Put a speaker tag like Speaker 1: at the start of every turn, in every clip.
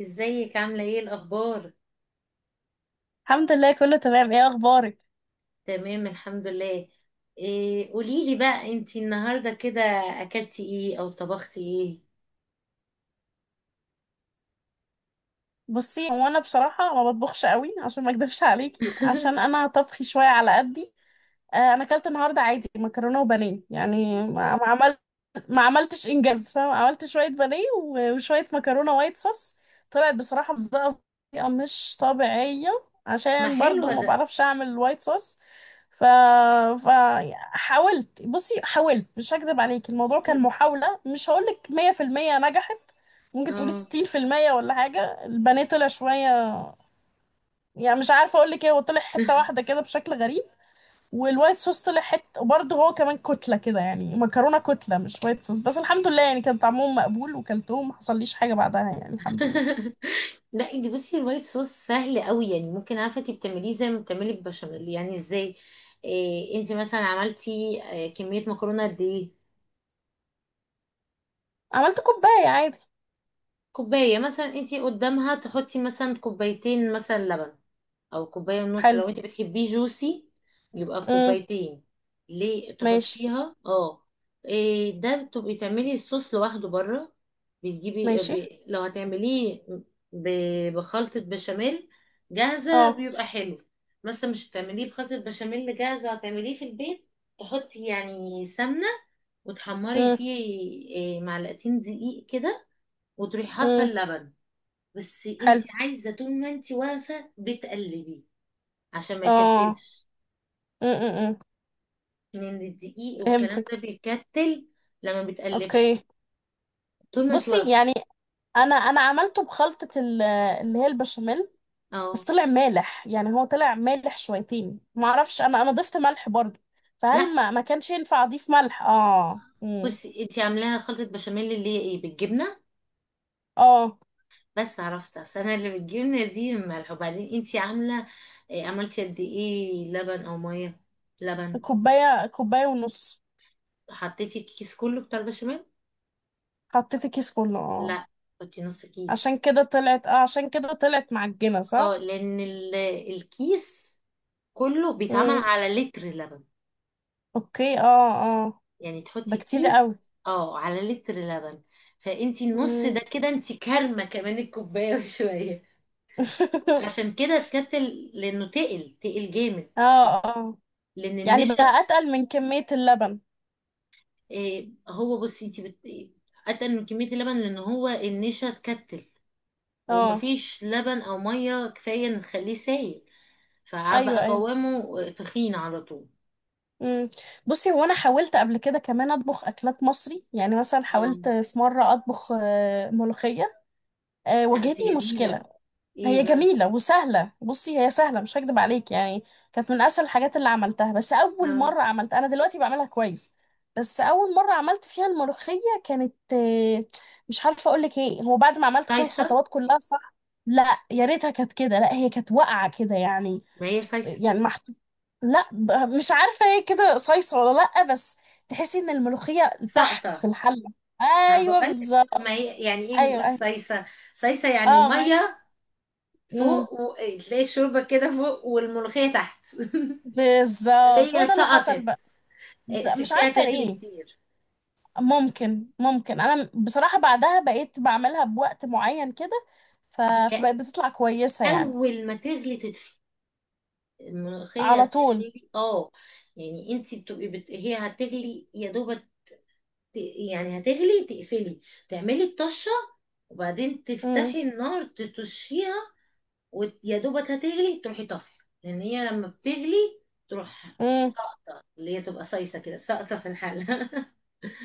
Speaker 1: ازيك عاملة ايه الأخبار؟
Speaker 2: الحمد لله، كله تمام. ايه اخبارك؟
Speaker 1: تمام، الحمد لله. إيه، قوليلي بقى انتي النهاردة كده أكلتي ايه أو طبختي ايه؟
Speaker 2: بصي، هو انا بصراحه ما بطبخش قوي عشان ما اكدبش عليكي، عشان انا طبخي شويه على قدي. انا اكلت النهارده عادي مكرونه وبانيه، يعني ما ما عملتش انجاز، فاهم؟ عملت شويه بانيه و- وشويه مكرونه وايت صوص. طلعت بصراحه مزقه بطريقه مش طبيعيه،
Speaker 1: ما
Speaker 2: عشان برضو
Speaker 1: حلوة
Speaker 2: ما
Speaker 1: ده.
Speaker 2: بعرفش اعمل الوايت صوص. ف... ف حاولت، بصي حاولت، مش هكذب عليك، الموضوع كان محاوله، مش هقولك 100% نجحت. ممكن تقولي
Speaker 1: اه.
Speaker 2: 60% ولا حاجه. البانيه طلع شويه، يعني مش عارفه اقولك ايه، هو طلع حته واحده كده بشكل غريب. والوايت صوص طلع حته، وبرضه هو كمان كتله كده، يعني مكرونه كتله مش وايت صوص. بس الحمد لله، يعني كان طعمهم مقبول وكلتهم ما حصليش حاجه بعدها، يعني الحمد لله.
Speaker 1: لا، انتي بصي الوايت صوص سهل قوي، يعني ممكن، عارفة انتي بتعمليه زي ما بتعملي البشاميل، يعني ازاي؟ إيه انتي مثلا عملتي كمية مكرونة قد ايه؟
Speaker 2: عملت كوبايه عادي.
Speaker 1: كوباية مثلا انتي قدامها تحطي مثلا كوبايتين مثلا لبن، او كوبايه ونص
Speaker 2: حلو.
Speaker 1: لو انت بتحبيه جوسي، يبقى
Speaker 2: امم.
Speaker 1: كوبايتين، ليه
Speaker 2: ماشي.
Speaker 1: تحطيها. اه. إيه ده، بتبقي تعملي الصوص لوحده بره. بتجيبي
Speaker 2: ماشي.
Speaker 1: لو هتعمليه ب... بخلطه بشاميل جاهزه
Speaker 2: اه.
Speaker 1: بيبقى حلو. مثلا مش هتعمليه بخلطه بشاميل جاهزه، هتعمليه في البيت. تحطي يعني سمنه وتحمري
Speaker 2: امم.
Speaker 1: فيه، معلقتين دقيق كده، وتروحي حاطه
Speaker 2: امم.
Speaker 1: اللبن. بس انت
Speaker 2: حلو.
Speaker 1: عايزه طول ما انت واقفه بتقلبي، عشان ما
Speaker 2: اه.
Speaker 1: يكتلش،
Speaker 2: امم. امم. امم.
Speaker 1: لان الدقيق والكلام ده
Speaker 2: فهمتك.
Speaker 1: بيكتل لما بتقلبش،
Speaker 2: اوكي.
Speaker 1: طول ما انت
Speaker 2: بصي
Speaker 1: واقفه.
Speaker 2: يعني، انا عملته بخلطه اللي هي البشاميل. بس
Speaker 1: اه.
Speaker 2: طلع مالح، يعني هو طلع مالح شويتين. ما اعرفش، انا ضفت ملح برضه.
Speaker 1: لا
Speaker 2: فهل ما كانش ينفع اضيف ملح؟ اه. امم.
Speaker 1: بصي، انت عاملاها خلطه بشاميل اللي هي ايه، بالجبنه.
Speaker 2: اه.
Speaker 1: بس عرفت، اصل انا اللي بالجبنه دي ملح، وبعدين انت عامله إيه، عملتي قد ايه لبن او ميه، لبن.
Speaker 2: كوبايه، كوبايه ونص.
Speaker 1: حطيتي الكيس كله بتاع البشاميل؟
Speaker 2: حطيت الكيس كله، اه.
Speaker 1: لا، حطي نص كيس.
Speaker 2: عشان كده طلعت معجنه،
Speaker 1: اه،
Speaker 2: صح.
Speaker 1: لان الكيس كله بيتعمل
Speaker 2: امم.
Speaker 1: على لتر لبن.
Speaker 2: اوكي. اه. اه.
Speaker 1: يعني
Speaker 2: ده
Speaker 1: تحطي
Speaker 2: كتير
Speaker 1: كيس
Speaker 2: قوي.
Speaker 1: اه على لتر لبن، فانتي النص ده
Speaker 2: امم.
Speaker 1: كده انتي كارمه كمان الكوبايه وشويه. عشان كده اتكتل، لانه تقل تقل جامد،
Speaker 2: اه. اه.
Speaker 1: لان
Speaker 2: يعني
Speaker 1: النشا.
Speaker 2: بقى اتقل من كميه اللبن.
Speaker 1: إيه، هو بصي انتي اتقل من كميه اللبن، لان هو النشا اتكتل،
Speaker 2: اه.
Speaker 1: ومفيش لبن او ميه كفايه ان تخليه سايل،
Speaker 2: ايوه،
Speaker 1: فبقى
Speaker 2: ايوه.
Speaker 1: قوامه تخين على طول.
Speaker 2: مم. بصي هو انا حاولت قبل كده كمان اطبخ اكلات مصري، يعني مثلا
Speaker 1: اه.
Speaker 2: حاولت في مره اطبخ ملوخيه.
Speaker 1: لا دي
Speaker 2: واجهتني مشكله.
Speaker 1: جميله. ايه
Speaker 2: هي
Speaker 1: بقى؟
Speaker 2: جميله وسهله، بصي هي سهله، مش هكدب عليك يعني. كانت من اسهل الحاجات اللي عملتها. بس اول
Speaker 1: آه.
Speaker 2: مره عملتها، انا دلوقتي بعملها كويس. بس اول مره عملت فيها الملوخيه كانت، مش عارفه اقول لك ايه، هو بعد ما عملت كل
Speaker 1: سايسه.
Speaker 2: الخطوات كلها صح. لا، يا ريتها كانت كده. لا، هي كانت واقعه كده يعني.
Speaker 1: ما هي سايسه.
Speaker 2: يعني محطوط. لا، مش عارفة هي كده صيصة ولا لأ، بس تحسي ان الملوخية تحت
Speaker 1: سقطه.
Speaker 2: في الحلة.
Speaker 1: ما
Speaker 2: ايوه
Speaker 1: بقول،
Speaker 2: بالظبط.
Speaker 1: ما هي يعني ايه
Speaker 2: ايوه،
Speaker 1: بنقول
Speaker 2: ايوه.
Speaker 1: صيصة. صيصة يعني
Speaker 2: اه. ماشي.
Speaker 1: مية
Speaker 2: امم.
Speaker 1: فوق، وتلاقي الشوربة كده فوق والملوخية تحت.
Speaker 2: بالظبط
Speaker 1: ليا
Speaker 2: هو ده اللي حصل
Speaker 1: سقطت.
Speaker 2: بقى. بس مش
Speaker 1: سبتيها
Speaker 2: عارفة
Speaker 1: تغلي
Speaker 2: ليه.
Speaker 1: كتير.
Speaker 2: ممكن، انا بصراحة بعدها بقيت بعملها بوقت معين كده. ف...
Speaker 1: هي
Speaker 2: فبقت بتطلع كويسة يعني.
Speaker 1: اول ما تغلي تطفي،
Speaker 2: على
Speaker 1: الملوخية
Speaker 2: طول.
Speaker 1: تغلي اه. يعني انت بتبقي هي هتغلي يا دوبك، ت- يعني هتغلي تقفلي، تعملي الطشة، وبعدين
Speaker 2: امم.
Speaker 1: تفتحي النار تطشيها. ويا دوبك هتغلي تروحي طافيه، لان هي لما بتغلي تروح ساقطة، اللي هي تبقى صيصه كده ساقطه في الحله.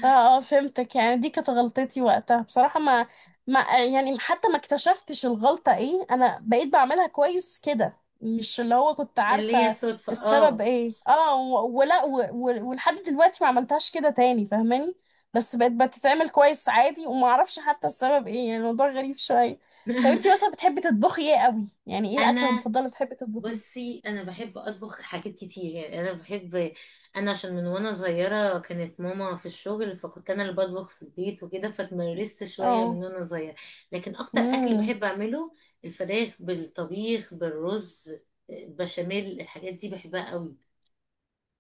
Speaker 2: اه. اه. فهمتك. يعني دي كانت غلطتي وقتها بصراحة، ما يعني حتى ما اكتشفتش الغلطة ايه، انا بقيت بعملها كويس كده، مش اللي هو كنت
Speaker 1: اللي هي
Speaker 2: عارفة
Speaker 1: صدفه
Speaker 2: السبب
Speaker 1: اه.
Speaker 2: ايه. اه. ولحد دلوقتي ما عملتهاش كده تاني، فاهماني؟ بس بقت بتتعمل كويس عادي، وما اعرفش حتى السبب ايه، يعني الموضوع غريب شوية. طب انتي مثلا بتحبي تطبخي ايه قوي؟ يعني ايه الاكلة
Speaker 1: انا
Speaker 2: المفضلة اللي بتحبي تطبخيها؟
Speaker 1: بصي، انا بحب اطبخ حاجات كتير، يعني انا بحب، انا عشان من وانا صغيره كانت ماما في الشغل، فكنت انا اللي بطبخ في البيت وكده، فتمرست شويه من
Speaker 2: اه.
Speaker 1: وانا صغيره. لكن اكتر اكل
Speaker 2: امم.
Speaker 1: بحب اعمله الفراخ بالطبيخ بالرز، بشاميل، الحاجات دي بحبها قوي.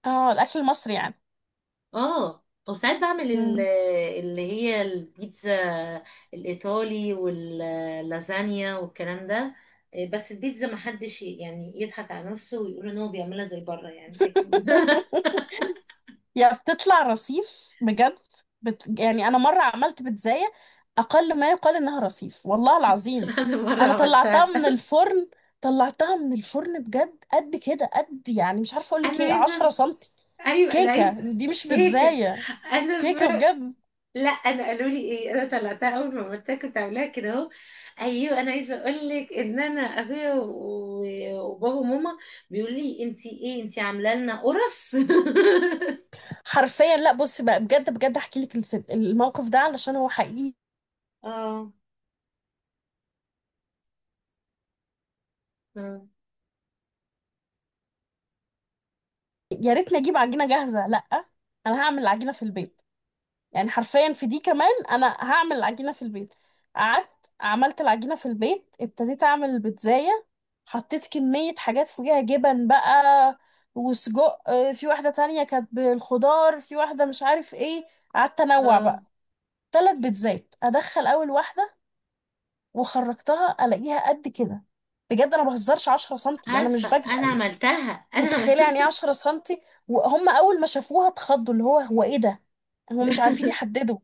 Speaker 2: اه الاكل المصري يعني.
Speaker 1: اه. وساعات بعمل
Speaker 2: امم.
Speaker 1: اللي هي البيتزا الإيطالي واللازانيا والكلام ده. بس البيتزا ما حدش يعني يضحك على نفسه ويقول ان هو بيعملها زي بره، يعني اكيد.
Speaker 2: يا بتطلع رصيف بجد! يعني انا مره عملت بيتزاية، اقل ما يقال انها رصيف، والله العظيم.
Speaker 1: انا مره
Speaker 2: انا طلعتها
Speaker 1: عملتها.
Speaker 2: من الفرن، طلعتها من الفرن بجد، قد كده قد، يعني مش عارفه اقول لك
Speaker 1: انا
Speaker 2: ايه، 10
Speaker 1: عايزه،
Speaker 2: سنتي.
Speaker 1: ايوه انا
Speaker 2: كيكه،
Speaker 1: عايزه.
Speaker 2: دي مش
Speaker 1: كيكه.
Speaker 2: بيتزاية،
Speaker 1: انا
Speaker 2: كيكه بجد.
Speaker 1: لا انا قالوا لي ايه، انا طلعتها اول ما قلت لها كنت عاملاها كده اهو. ايوه انا عايزه اقول لك ان انا ابويا وبابا وماما بيقول لي انتي ايه، انتي عامله لنا قرص.
Speaker 2: حرفيا لا، بص بقى، بجد بجد، احكي لك الموقف ده علشان هو حقيقي.
Speaker 1: اه. اه.
Speaker 2: يا ريتني اجيب عجينه جاهزه، لا. انا هعمل العجينه في البيت. يعني حرفيا في دي كمان انا هعمل العجينه في البيت. قعدت عملت العجينه في البيت، ابتديت اعمل البيتزاية. حطيت كميه حاجات فوقيها جبن بقى، وسجق، في واحده تانية كانت بالخضار، في واحده مش عارف ايه. قعدت انوع
Speaker 1: آه.
Speaker 2: بقى ثلاث بيتزات، ادخل اول واحده وخرجتها الاقيها قد كده. بجد انا بهزرش، 10 سنتي، انا مش
Speaker 1: عارفه
Speaker 2: بجد
Speaker 1: انا
Speaker 2: يعني.
Speaker 1: عملتها. انا
Speaker 2: متخيله
Speaker 1: عملتها.
Speaker 2: يعني ايه 10 سنتي؟ وهم اول ما شافوها اتخضوا، اللي هو ايه ده؟ هم مش عارفين يحددوا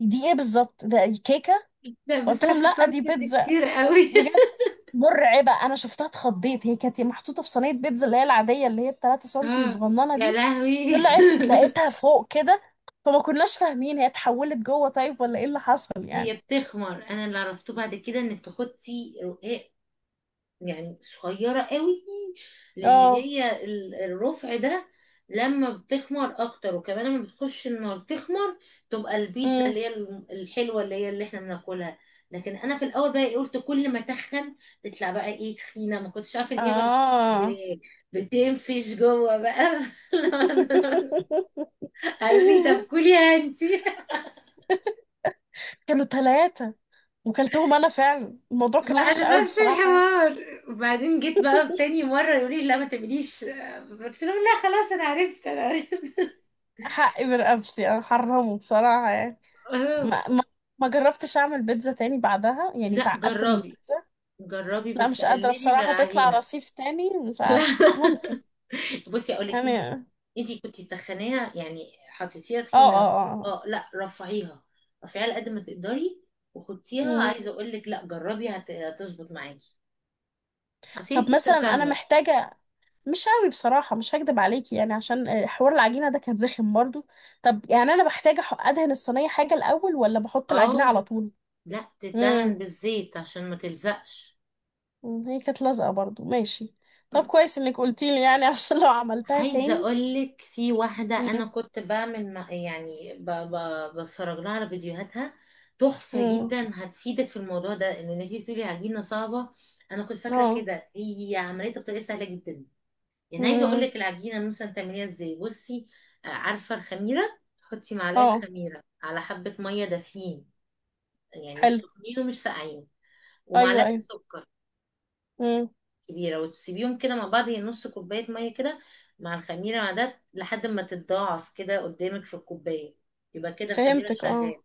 Speaker 2: دي ايه بالظبط، ده كيكه.
Speaker 1: لا بس
Speaker 2: قلت لهم
Speaker 1: 10
Speaker 2: لا، دي
Speaker 1: سنتي دي
Speaker 2: بيتزا،
Speaker 1: كتير قوي.
Speaker 2: بجد. مرعبه، انا شفتها اتخضيت. هي كانت محطوطه في صينيه بيتزا اللي هي العاديه، اللي هي ال 3 سنتي
Speaker 1: اه.
Speaker 2: الصغننه
Speaker 1: يا
Speaker 2: دي.
Speaker 1: لهوي.
Speaker 2: طلعت لقيتها فوق كده. فما كناش فاهمين هي اتحولت جوه طيب ولا ايه اللي حصل يعني.
Speaker 1: هي بتخمر، انا اللي عرفته بعد كده انك تحطي، يعني صغيرة قوي. لأن
Speaker 2: اه.
Speaker 1: هي الرفع ده لما بتخمر أكتر، وكمان لما بتخش النار تخمر، تبقى البيتزا
Speaker 2: امم.
Speaker 1: اللي هي الحلوة اللي هي اللي احنا بناكلها. لكن أنا في الأول بقى قلت كل ما تخن تطلع بقى تخينة، ما كنتش عارفة إن هي بقى
Speaker 2: اه.
Speaker 1: ب- بتنفش جوه بقى. لما قالوا لي طب كليها انتي.
Speaker 2: كانوا ثلاثة وكلتهم انا، فعلا الموضوع كان
Speaker 1: ما
Speaker 2: وحش
Speaker 1: انا
Speaker 2: قوي
Speaker 1: نفس
Speaker 2: بصراحه يعني.
Speaker 1: الحوار، وبعدين جيت بقى تاني مره يقول لي لا ما تعمليش، قلت له لا خلاص انا عرفت انا عرفت.
Speaker 2: حقي برقبتي، انا حرمه بصراحه يعني.
Speaker 1: آه.
Speaker 2: ما ما ما جربتش اعمل بيتزا تاني بعدها، يعني
Speaker 1: لا
Speaker 2: اتعقدت من
Speaker 1: جربي.
Speaker 2: البيتزا.
Speaker 1: جربي
Speaker 2: لا
Speaker 1: بس
Speaker 2: مش قادره
Speaker 1: قللي من
Speaker 2: بصراحه، تطلع
Speaker 1: العجينه.
Speaker 2: رصيف تاني، مش
Speaker 1: لا.
Speaker 2: عارف ممكن
Speaker 1: بصي اقول لك
Speaker 2: يعني.
Speaker 1: انت
Speaker 2: اه.
Speaker 1: انت كنت تخنيها، يعني حطيتيها
Speaker 2: اه.
Speaker 1: تخينه.
Speaker 2: اه.
Speaker 1: اه، لا رفعيها. رفعيها على قد ما تقدري، وحطيها.
Speaker 2: امم.
Speaker 1: عايزه اقول لك لا جربي هتظبط معاكي، اصل هي
Speaker 2: طب
Speaker 1: البيتزا
Speaker 2: مثلا انا
Speaker 1: سهله.
Speaker 2: محتاجه، مش قوي بصراحه، مش هكدب عليكي يعني، عشان حوار العجينه ده كان رخم برضو. طب يعني انا بحتاج ادهن الصينيه حاجه الاول ولا بحط العجينه
Speaker 1: اه،
Speaker 2: على طول؟
Speaker 1: لا،
Speaker 2: امم.
Speaker 1: تدهن بالزيت عشان ما تلزقش.
Speaker 2: مم، هي كانت لازقة برضو، ماشي. طب كويس انك قلتيلي يعني، عشان لو عملتها
Speaker 1: عايزة
Speaker 2: تاني.
Speaker 1: أقولك في واحدة
Speaker 2: مم.
Speaker 1: أنا كنت بعمل يعني بتفرج لها على فيديوهاتها، تحفة
Speaker 2: مم.
Speaker 1: جدا، هتفيدك في الموضوع ده إن أنتي بتقولي عجينة صعبة. أنا كنت فاكرة
Speaker 2: اه.
Speaker 1: كده، هي عمليتها بطريقة سهلة جدا. يعني عايزة
Speaker 2: مم.
Speaker 1: أقولك العجينة مثلا تعمليها إزاي، بصي، عارفة الخميرة، حطي معلقة
Speaker 2: اه.
Speaker 1: خميرة على حبة مية دافيين، يعني مش
Speaker 2: حلو.
Speaker 1: سخنين ومش ساقعين،
Speaker 2: ايوه،
Speaker 1: ومعلقة
Speaker 2: ايوه.
Speaker 1: سكر
Speaker 2: مم.
Speaker 1: كبيرة، وتسيبيهم كده مع بعض. هي نص كوباية مية كده مع الخميرة مع ده لحد ما تتضاعف كده قدامك في الكوباية، يبقى كده الخميرة
Speaker 2: فهمتك.
Speaker 1: شغال.
Speaker 2: اه.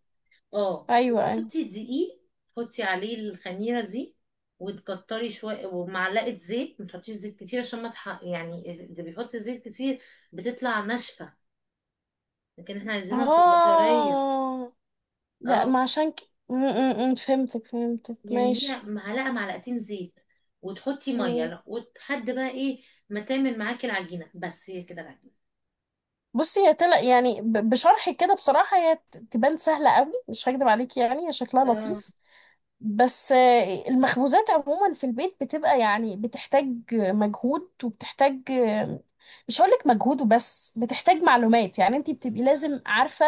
Speaker 1: اه،
Speaker 2: ايوه، ايوه.
Speaker 1: وتحطي دقيق، حطي عليه الخميرة دي، وتكتري شوية، ومعلقة زيت. ما تحطيش زيت كتير، عشان ما يعني اللي بيحط زيت كتير بتطلع ناشفة، لكن احنا عايزينها تبقى طرية.
Speaker 2: اه. ده
Speaker 1: اه.
Speaker 2: ما عشان ك... مم. مم. مم. فهمتك. فهمتك.
Speaker 1: يعني هي
Speaker 2: ماشي.
Speaker 1: معلقة معلقتين زيت، وتحطي
Speaker 2: مم.
Speaker 1: مية، وتحد بقى ايه ما تعمل معاكي العجينة، بس هي كده العجينة.
Speaker 2: بصي هي طلع يعني، بشرحك كده بصراحة هي تبان سهلة قوي، مش هكدب عليكي يعني، هي شكلها
Speaker 1: اه.
Speaker 2: لطيف. بس المخبوزات عموما في البيت بتبقى يعني بتحتاج مجهود، وبتحتاج، مش هقولك مجهود وبس، بتحتاج معلومات، يعني انتي بتبقي لازم عارفة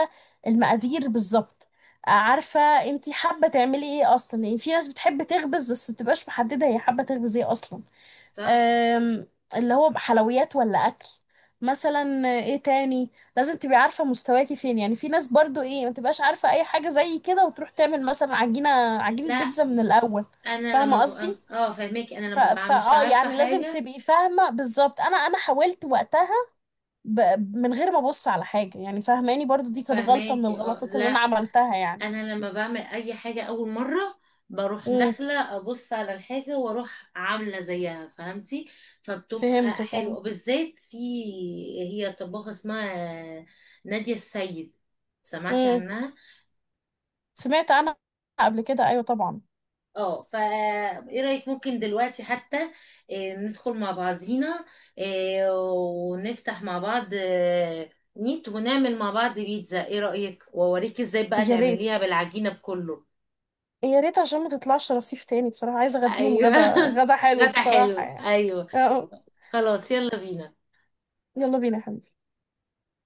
Speaker 2: المقادير بالظبط. عارفة انتي حابة تعملي ايه اصلا، يعني في ناس بتحب تخبز بس مبتبقاش محددة هي حابة تخبز ايه اصلا.
Speaker 1: صح.
Speaker 2: أم، اللي هو حلويات ولا اكل، مثلا ايه تاني. لازم تبقي عارفه مستواكي فين، يعني في ناس برضو ايه ما تبقاش عارفه اي حاجه زي كده، وتروح تعمل مثلا عجينه
Speaker 1: لا،
Speaker 2: بيتزا من الاول.
Speaker 1: انا لما
Speaker 2: فاهمه قصدي؟
Speaker 1: ببقى اه، فاهماكي، انا
Speaker 2: ف-
Speaker 1: لما ببقى
Speaker 2: فا
Speaker 1: مش
Speaker 2: اه
Speaker 1: عارفه
Speaker 2: يعني لازم
Speaker 1: حاجه.
Speaker 2: تبقي فاهمه بالظبط. انا حاولت وقتها ب... من غير ما ابص على حاجه، يعني فاهماني؟ برضو دي كانت غلطه من
Speaker 1: فاهماكي اه.
Speaker 2: الغلطات اللي
Speaker 1: لا،
Speaker 2: انا عملتها يعني.
Speaker 1: انا لما بعمل اي حاجه اول مره بروح
Speaker 2: امم.
Speaker 1: داخله ابص على الحاجه، واروح عامله زيها، فهمتي. فبتبقى
Speaker 2: فهمتك. اه.
Speaker 1: حلوه، بالذات في، هي طباخه اسمها ناديه السيد، سمعتي
Speaker 2: امم.
Speaker 1: عنها؟
Speaker 2: سمعت انا قبل كده، ايوه طبعا.
Speaker 1: اه، فا ايه رأيك، ممكن دلوقتي حتى ندخل مع بعضينا، ونفتح مع بعض نيت، ونعمل مع بعض بيتزا. ايه رأيك؟ واوريك ازاي بقى
Speaker 2: يا
Speaker 1: تعمليها
Speaker 2: ريت.
Speaker 1: بالعجينة بكله.
Speaker 2: يا ريت عشان ما تطلعش رصيف تاني بصراحة. عايزة اغديهم
Speaker 1: ايوه.
Speaker 2: غدا، غدا حلو
Speaker 1: غدا
Speaker 2: بصراحة
Speaker 1: حلو
Speaker 2: يعني.
Speaker 1: ايوه.
Speaker 2: اه.
Speaker 1: خلاص، يلا بينا.
Speaker 2: يلا بينا يا حبيبي.